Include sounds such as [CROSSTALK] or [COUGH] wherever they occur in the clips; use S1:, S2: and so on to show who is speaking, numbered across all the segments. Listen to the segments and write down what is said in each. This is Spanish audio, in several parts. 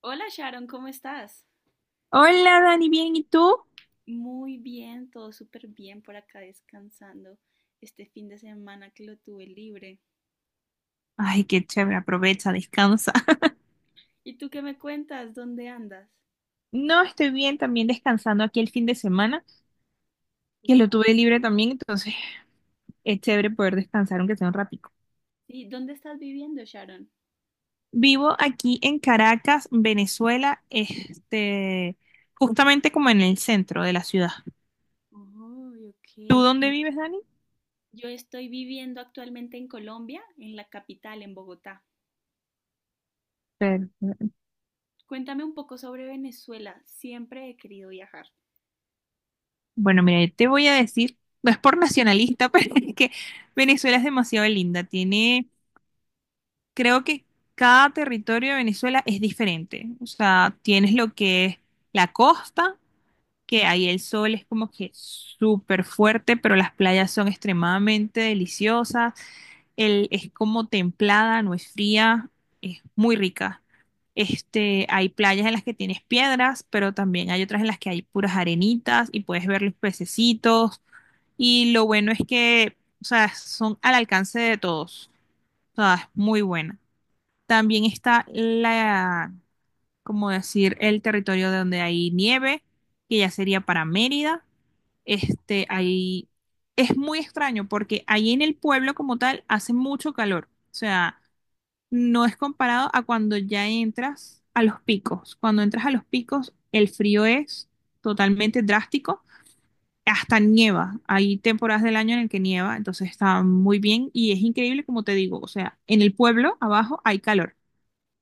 S1: Hola Sharon, ¿cómo estás?
S2: Hola Dani, bien, ¿y tú?
S1: Muy bien, todo súper bien por acá descansando este fin de semana que lo tuve libre.
S2: Ay, qué chévere, aprovecha, descansa. [LAUGHS]
S1: ¿Y tú qué me cuentas? ¿Dónde andas?
S2: No, estoy bien, también descansando aquí el fin de semana, que lo tuve libre también, entonces es chévere poder descansar aunque sea un ratico.
S1: Sí, ¿dónde estás viviendo, Sharon?
S2: Vivo aquí en Caracas, Venezuela, justamente como en el centro de la ciudad.
S1: Oh, ok.
S2: ¿Tú dónde vives, Dani?
S1: Yo estoy viviendo actualmente en Colombia, en la capital, en Bogotá.
S2: Pero.
S1: Cuéntame un poco sobre Venezuela. Siempre he querido viajar.
S2: Bueno, mira, yo te voy a decir, no es por nacionalista, [LAUGHS] pero es que Venezuela es demasiado linda, tiene creo que cada territorio de Venezuela es diferente. O sea, tienes lo que es la costa, que ahí el sol es como que súper fuerte, pero las playas son extremadamente deliciosas. El, es como templada, no es fría, es muy rica. Hay playas en las que tienes piedras, pero también hay otras en las que hay puras arenitas y puedes ver los pececitos. Y lo bueno es que, o sea, son al alcance de todos. O sea, es muy buena. También está la, como decir, el territorio de donde hay nieve, que ya sería para Mérida. Ahí es muy extraño porque ahí en el pueblo como tal hace mucho calor. O sea, no es comparado a cuando ya entras a los picos. Cuando entras a los picos, el frío es totalmente drástico. Hasta nieva. Hay temporadas del año en el que nieva, entonces está muy bien y es increíble como te digo. O sea, en el pueblo abajo hay calor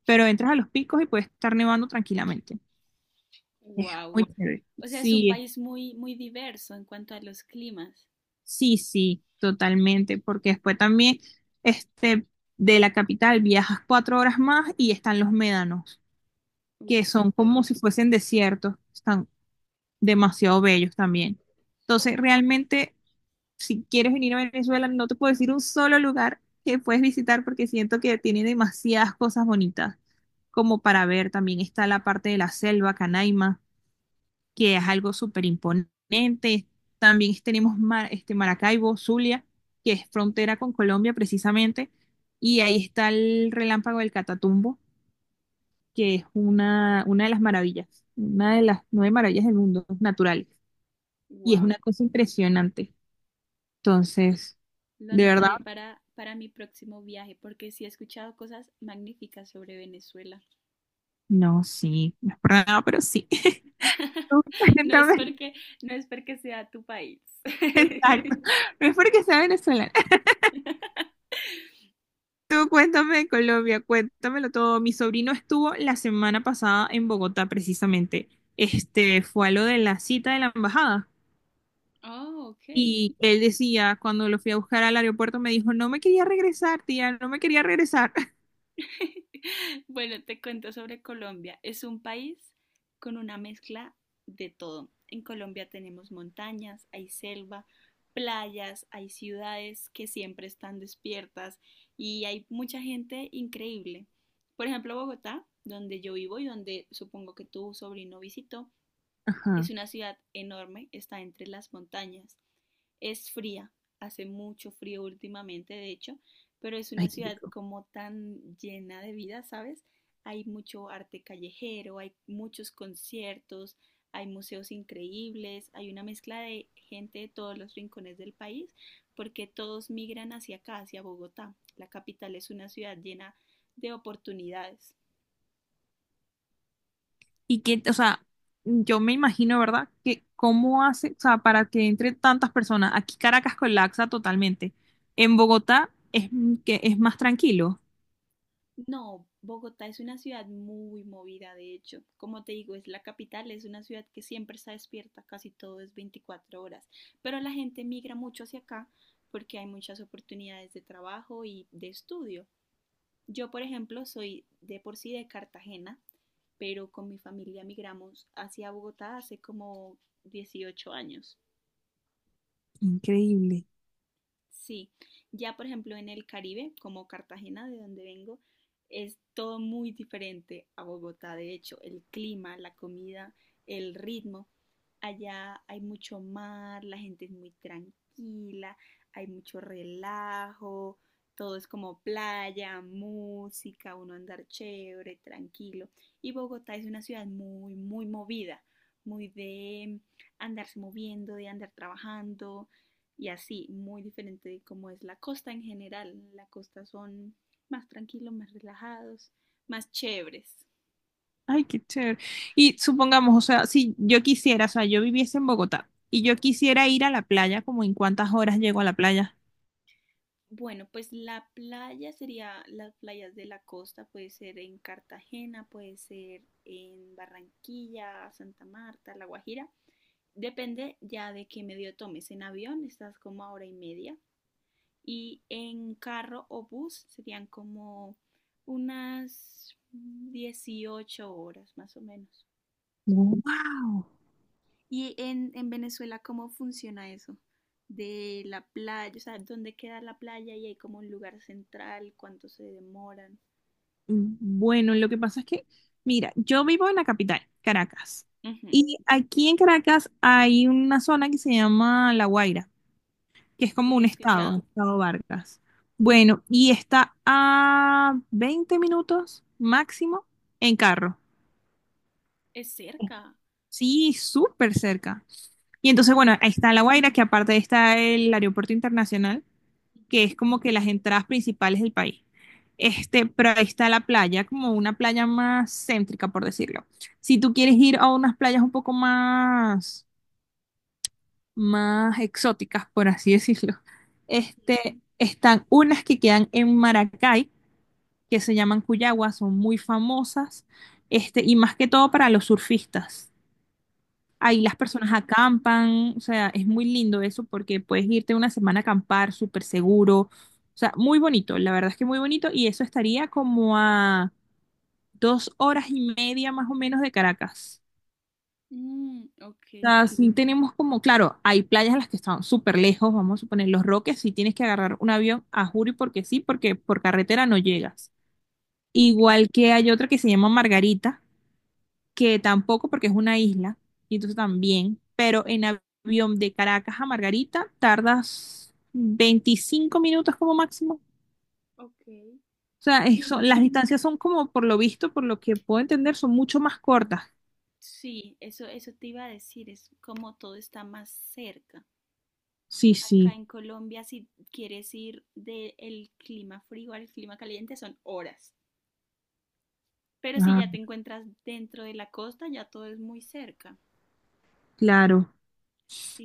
S2: pero entras a los picos y puede estar nevando tranquilamente. Es
S1: Wow.
S2: muy chévere. Ok.
S1: O sea, es un
S2: Sí,
S1: país muy, muy diverso en cuanto a los climas.
S2: sí, sí, totalmente, porque después también este, de la capital viajas 4 horas más y están los médanos,
S1: Uy,
S2: que son
S1: súper.
S2: como si fuesen desiertos, están demasiado bellos también. Entonces, realmente, si quieres venir a Venezuela, no te puedo decir un solo lugar que puedes visitar porque siento que tiene demasiadas cosas bonitas como para ver. También está la parte de la selva, Canaima, que es algo súper imponente. También tenemos Maracaibo, Zulia, que es frontera con Colombia precisamente, y ahí está el relámpago del Catatumbo, que es una de las maravillas, una de las nueve maravillas del mundo naturales, y es una
S1: Wow.
S2: cosa impresionante. Entonces,
S1: Lo
S2: de verdad,
S1: anotaré para mi próximo viaje, porque sí he escuchado cosas magníficas sobre Venezuela.
S2: no, sí, no es por nada, pero sí. [LAUGHS]
S1: [LAUGHS] No es
S2: Completamente.
S1: porque, no es porque sea tu país.
S2: Exacto.
S1: [LAUGHS]
S2: No es porque sea venezolano. Tú cuéntame de Colombia, cuéntamelo todo. Mi sobrino estuvo la semana pasada en Bogotá, precisamente. Fue a lo de la cita de la embajada.
S1: Oh, ok.
S2: Y él decía, cuando lo fui a buscar al aeropuerto, me dijo, no me quería regresar, tía, no me quería regresar. [LAUGHS]
S1: [LAUGHS] Bueno, te cuento sobre Colombia. Es un país con una mezcla de todo. En Colombia tenemos montañas, hay selva, playas, hay ciudades que siempre están despiertas y hay mucha gente increíble. Por ejemplo, Bogotá, donde yo vivo y donde supongo que tu sobrino visitó,
S2: Ajá,
S1: es una ciudad enorme, está entre las montañas. Es fría, hace mucho frío últimamente, de hecho, pero es una
S2: ay, qué
S1: ciudad
S2: rico.
S1: como tan llena de vida, ¿sabes? Hay mucho arte callejero, hay muchos conciertos, hay museos increíbles, hay una mezcla de gente de todos los rincones del país, porque todos migran hacia acá, hacia Bogotá. La capital es una ciudad llena de oportunidades.
S2: Y que, o sea, yo me imagino, ¿verdad? Que cómo hace, o sea, para que entre tantas personas. Aquí Caracas colapsa totalmente. En Bogotá es, que es más tranquilo.
S1: No, Bogotá es una ciudad muy movida, de hecho. Como te digo, es la capital, es una ciudad que siempre está despierta, casi todo es 24 horas. Pero la gente migra mucho hacia acá porque hay muchas oportunidades de trabajo y de estudio. Yo, por ejemplo, soy de por sí de Cartagena, pero con mi familia migramos hacia Bogotá hace como 18 años.
S2: Increíble.
S1: Sí, ya por ejemplo en el Caribe, como Cartagena, de donde vengo, es todo muy diferente a Bogotá. De hecho, el clima, la comida, el ritmo. Allá hay mucho mar, la gente es muy tranquila, hay mucho relajo, todo es como playa, música, uno andar chévere, tranquilo. Y Bogotá es una ciudad muy, muy movida, muy de andarse moviendo, de andar trabajando y así, muy diferente de cómo es la costa en general. La costa son más tranquilos, más relajados, más chéveres.
S2: Ay, qué chévere. Y supongamos, o sea, si yo quisiera, o sea, yo viviese en Bogotá y yo quisiera ir a la playa, ¿como en cuántas horas llego a la playa?
S1: Bueno, pues la playa sería las playas de la costa, puede ser en Cartagena, puede ser en Barranquilla, Santa Marta, La Guajira. Depende ya de qué medio tomes. En avión estás como a hora y media y en carro o bus serían como unas 18 horas más o menos.
S2: No. Wow.
S1: Y en Venezuela, ¿cómo funciona eso? De la playa, o sea, ¿dónde queda la playa y hay como un lugar central? ¿Cuánto se demoran?
S2: Bueno, lo que pasa es que, mira, yo vivo en la capital, Caracas.
S1: Ujú.
S2: Y aquí en Caracas hay una zona que se llama La Guaira, que es
S1: Sí,
S2: como
S1: la he
S2: un estado,
S1: escuchado.
S2: el estado Vargas. Bueno, y está a 20 minutos máximo en carro.
S1: Es cerca.
S2: Sí, súper cerca. Y entonces,
S1: Ay,
S2: bueno,
S1: qué
S2: ahí
S1: bueno.
S2: está La Guaira, que aparte está el aeropuerto internacional, que es
S1: Ujú,
S2: como que las entradas principales del país. Pero ahí está la playa, como una playa más céntrica, por decirlo. Si tú quieres ir a unas playas un poco más, más exóticas, por así [LAUGHS] decirlo,
S1: ujú.
S2: están unas que quedan en Maracay, que se llaman Cuyagua, son muy famosas, y más que todo para los surfistas. Ahí las
S1: Ok.
S2: personas acampan, o sea, es muy lindo eso porque puedes irte una semana a acampar súper seguro, o sea, muy bonito, la verdad es que muy bonito y eso estaría como a 2 horas y media más o menos de Caracas.
S1: Mm, ok,
S2: O sea, sí
S1: perfecto.
S2: tenemos como, claro, hay playas en las que están súper lejos, vamos a suponer Los Roques, si tienes que agarrar un avión a Juri porque sí, porque por carretera no llegas.
S1: Ok,
S2: Igual que hay otra que se llama Margarita que tampoco porque es una isla, y entonces también, pero en avión de Caracas a Margarita tardas 25 minutos como máximo.
S1: ok.
S2: O sea, eso,
S1: Y
S2: las distancias son como, por lo visto, por lo que puedo entender, son mucho más cortas.
S1: sí, eso te iba a decir, es como todo está más cerca.
S2: Sí,
S1: Acá
S2: sí.
S1: en Colombia, si quieres ir del clima frío al clima caliente, son horas. Pero si
S2: Ah,
S1: ya te encuentras dentro de la costa, ya todo es muy cerca.
S2: claro.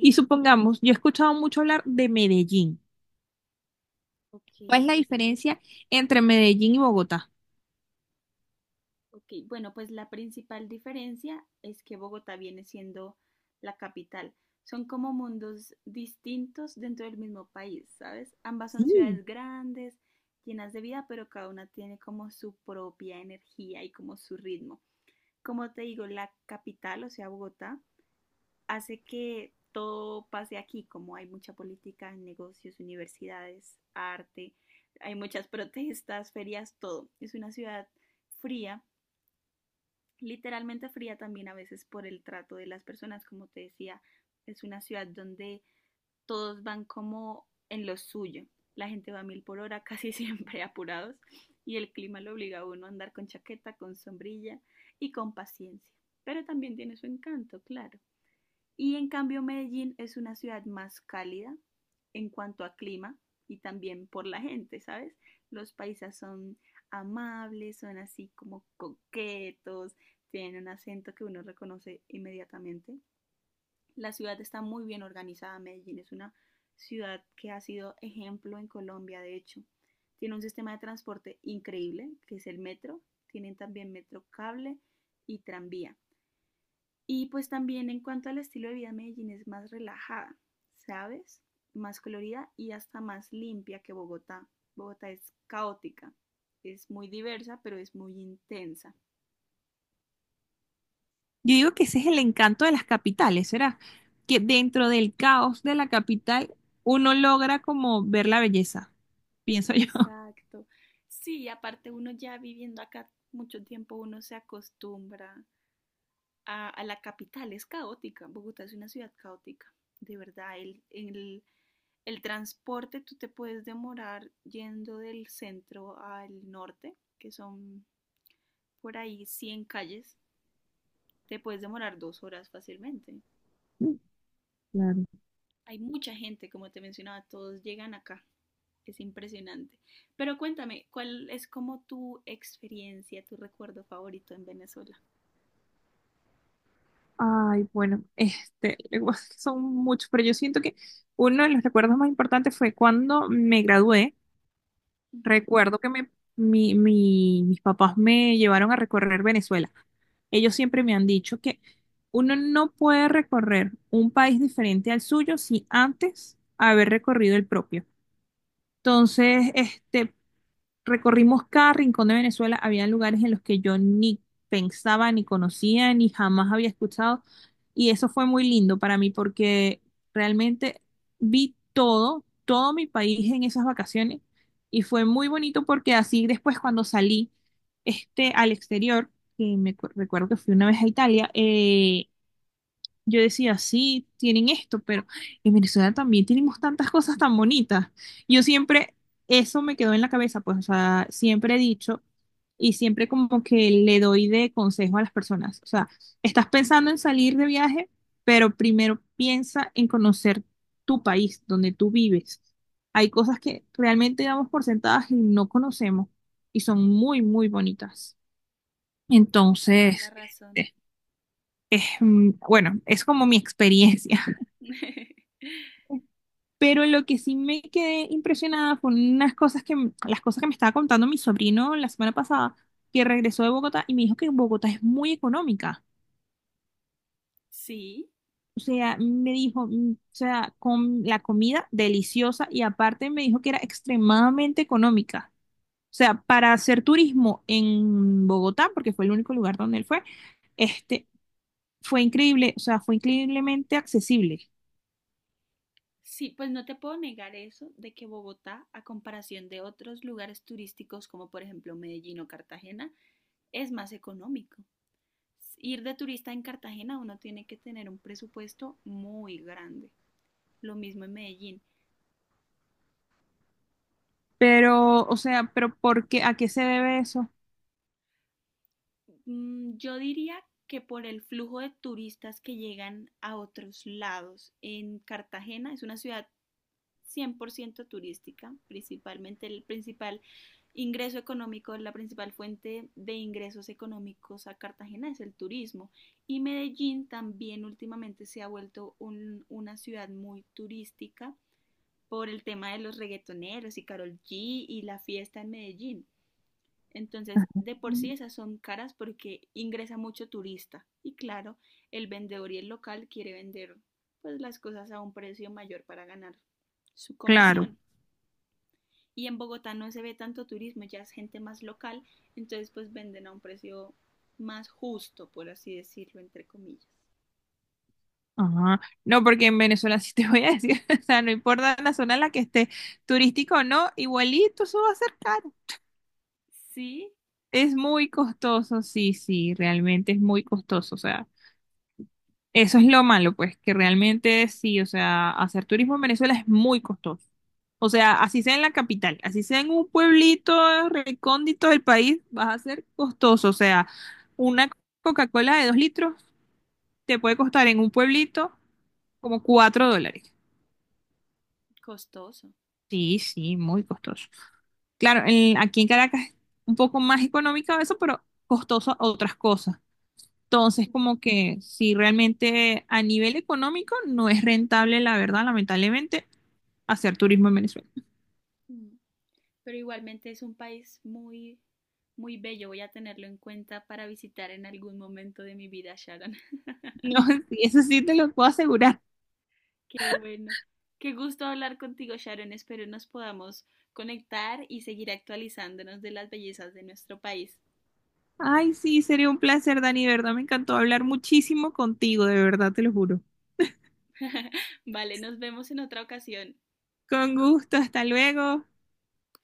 S2: Y supongamos, yo he escuchado mucho hablar de Medellín.
S1: ok,
S2: ¿Cuál es la diferencia entre Medellín y Bogotá?
S1: ok. Bueno, pues la principal diferencia es que Bogotá viene siendo la capital. Son como mundos distintos dentro del mismo país, ¿sabes? Ambas son
S2: Sí.
S1: ciudades grandes, llenas de vida, pero cada una tiene como su propia energía y como su ritmo. Como te digo, la capital, o sea, Bogotá, hace que todo pase aquí, como hay mucha política, negocios, universidades, arte, hay muchas [LAUGHS] protestas, ferias, todo. Es una ciudad fría, literalmente fría también a veces por el trato de las personas, como te decía, es una ciudad donde todos van como en lo suyo. La gente va a mil por hora, [LAUGHS] casi siempre apurados, y el clima lo obliga a uno a andar con chaqueta, con sombrilla y con paciencia. Pero también tiene su encanto, claro. Y en cambio Medellín es una ciudad más cálida en cuanto a clima y también por la gente, ¿sabes? Los paisas son amables, son así como coquetos, tienen un acento que uno reconoce inmediatamente. La ciudad está muy bien organizada, Medellín es una ciudad que ha sido ejemplo en Colombia, de hecho. Tiene un sistema de transporte increíble, que es el metro, tienen también metro cable y tranvía. Y pues también en cuanto al estilo de vida, Medellín es más relajada, ¿sabes? Más colorida y hasta más limpia que Bogotá. Bogotá es caótica, es muy diversa, pero es muy intensa.
S2: Yo digo que ese es el encanto de las capitales, ¿será? Que dentro del caos de la capital uno logra como ver la belleza, pienso yo.
S1: Exacto. Sí, aparte uno ya viviendo acá mucho tiempo, uno se acostumbra a la capital, es caótica. Bogotá es una ciudad caótica, de verdad. El transporte, tú te puedes demorar yendo del centro al norte, que son por ahí 100 calles, te puedes demorar 2 horas fácilmente.
S2: [LAUGHS] Claro.
S1: Hay mucha gente, como te mencionaba, todos llegan acá. Es impresionante. Pero cuéntame, ¿cuál es como tu experiencia, tu recuerdo favorito en Venezuela?
S2: Ay, bueno, luego [LAUGHS] son muchos, pero yo siento que uno de los recuerdos más importantes fue cuando me gradué.
S1: Ujú,
S2: Recuerdo que me, mis papás me llevaron a recorrer Venezuela. Ellos siempre me han dicho que uno no puede recorrer un país diferente al suyo sin antes haber recorrido el propio.
S1: es
S2: Entonces,
S1: cierto,
S2: recorrimos cada rincón de Venezuela. Había lugares en los que yo ni pensaba, ni conocía, ni jamás había escuchado. Y eso fue muy lindo para mí porque realmente vi todo, todo mi país en esas vacaciones. Y fue muy bonito porque así después cuando salí al exterior, que recuerdo que fui una vez a Italia, yo decía, sí, tienen esto, pero en Venezuela también tenemos tantas cosas tan bonitas. Yo siempre, eso me quedó en la cabeza, pues, o sea, siempre he dicho y siempre como que le doy de consejo a las personas. O sea, estás pensando en salir de viaje, pero primero piensa en conocer tu país, donde tú vives. Hay cosas que realmente damos por sentadas y no conocemos y son muy, muy bonitas.
S1: tienes toda la
S2: Entonces,
S1: razón.
S2: este, es, bueno, es como mi experiencia.
S1: [LAUGHS]
S2: Pero lo que sí me quedé impresionada fue unas cosas que, las cosas que me estaba contando mi sobrino la semana pasada, que regresó de Bogotá y me dijo que Bogotá es muy económica.
S1: Sí,
S2: O sea, me dijo, o sea, con la comida deliciosa y aparte me dijo que era extremadamente económica. O sea, para hacer turismo en Bogotá, porque fue el único lugar donde él fue, este, fue increíble, o sea, fue increíblemente accesible.
S1: sí, pues no te puedo negar eso de que Bogotá, a comparación de otros lugares turísticos como por ejemplo Medellín o Cartagena, es más económico. Ir de turista en Cartagena uno tiene que tener un presupuesto muy grande. Lo mismo en Medellín.
S2: Pero, o sea, pero ¿por qué? ¿A qué se debe eso?
S1: Mm, yo diría que por el flujo de turistas que llegan a otros lados, en Cartagena es una ciudad 100% turística, principalmente el principal ingreso económico, la principal fuente de ingresos económicos a Cartagena es el turismo. Y Medellín también últimamente se ha vuelto una ciudad muy turística por el tema de los reggaetoneros y Karol G y la fiesta en Medellín. Entonces,
S2: Ajá.
S1: de por sí esas son caras porque ingresa mucho turista. Y claro, el vendedor y el local quiere vender pues las cosas a un precio mayor para ganar su
S2: Claro.
S1: comisión. Y en Bogotá no se ve tanto turismo, ya es gente más local, entonces pues venden a un precio más justo, por así decirlo, entre comillas.
S2: Ajá. No, porque en Venezuela [LAUGHS] sí te voy a decir, [LAUGHS] o sea, no importa la zona en la que esté, turístico o no, igualito eso va a ser caro.
S1: Sí,
S2: Es muy costoso, sí, sí, realmente es muy costoso, o sea, eso es lo malo, pues, que realmente sí, o sea, hacer turismo en Venezuela es muy costoso. O sea, así sea en la capital, así sea en un pueblito recóndito del país, vas a ser costoso, o sea, una Coca-Cola de 2 litros te puede costar en un pueblito como $4.
S1: costoso.
S2: Sí, sí, muy costoso. Claro, en- aquí en Caracas es un poco más económico eso, pero costoso otras cosas. Entonces, como que si realmente a nivel económico no es rentable, la verdad, lamentablemente, hacer turismo en Venezuela.
S1: Mm, pero igualmente es un país muy, muy bello. Voy a tenerlo en cuenta para visitar en algún momento de mi vida, Sharon. [LAUGHS]
S2: [LAUGHS] No, sí, eso sí te lo puedo asegurar.
S1: Qué bueno. Qué gusto hablar contigo, Sharon. Espero nos podamos conectar y seguir actualizándonos de las bellezas de nuestro país.
S2: Ay, sí, sería un placer, Dani, de verdad, me encantó hablar muchísimo contigo, de verdad, te lo juro.
S1: [LAUGHS] Vale, nos vemos en otra ocasión.
S2: Con gusto, hasta luego.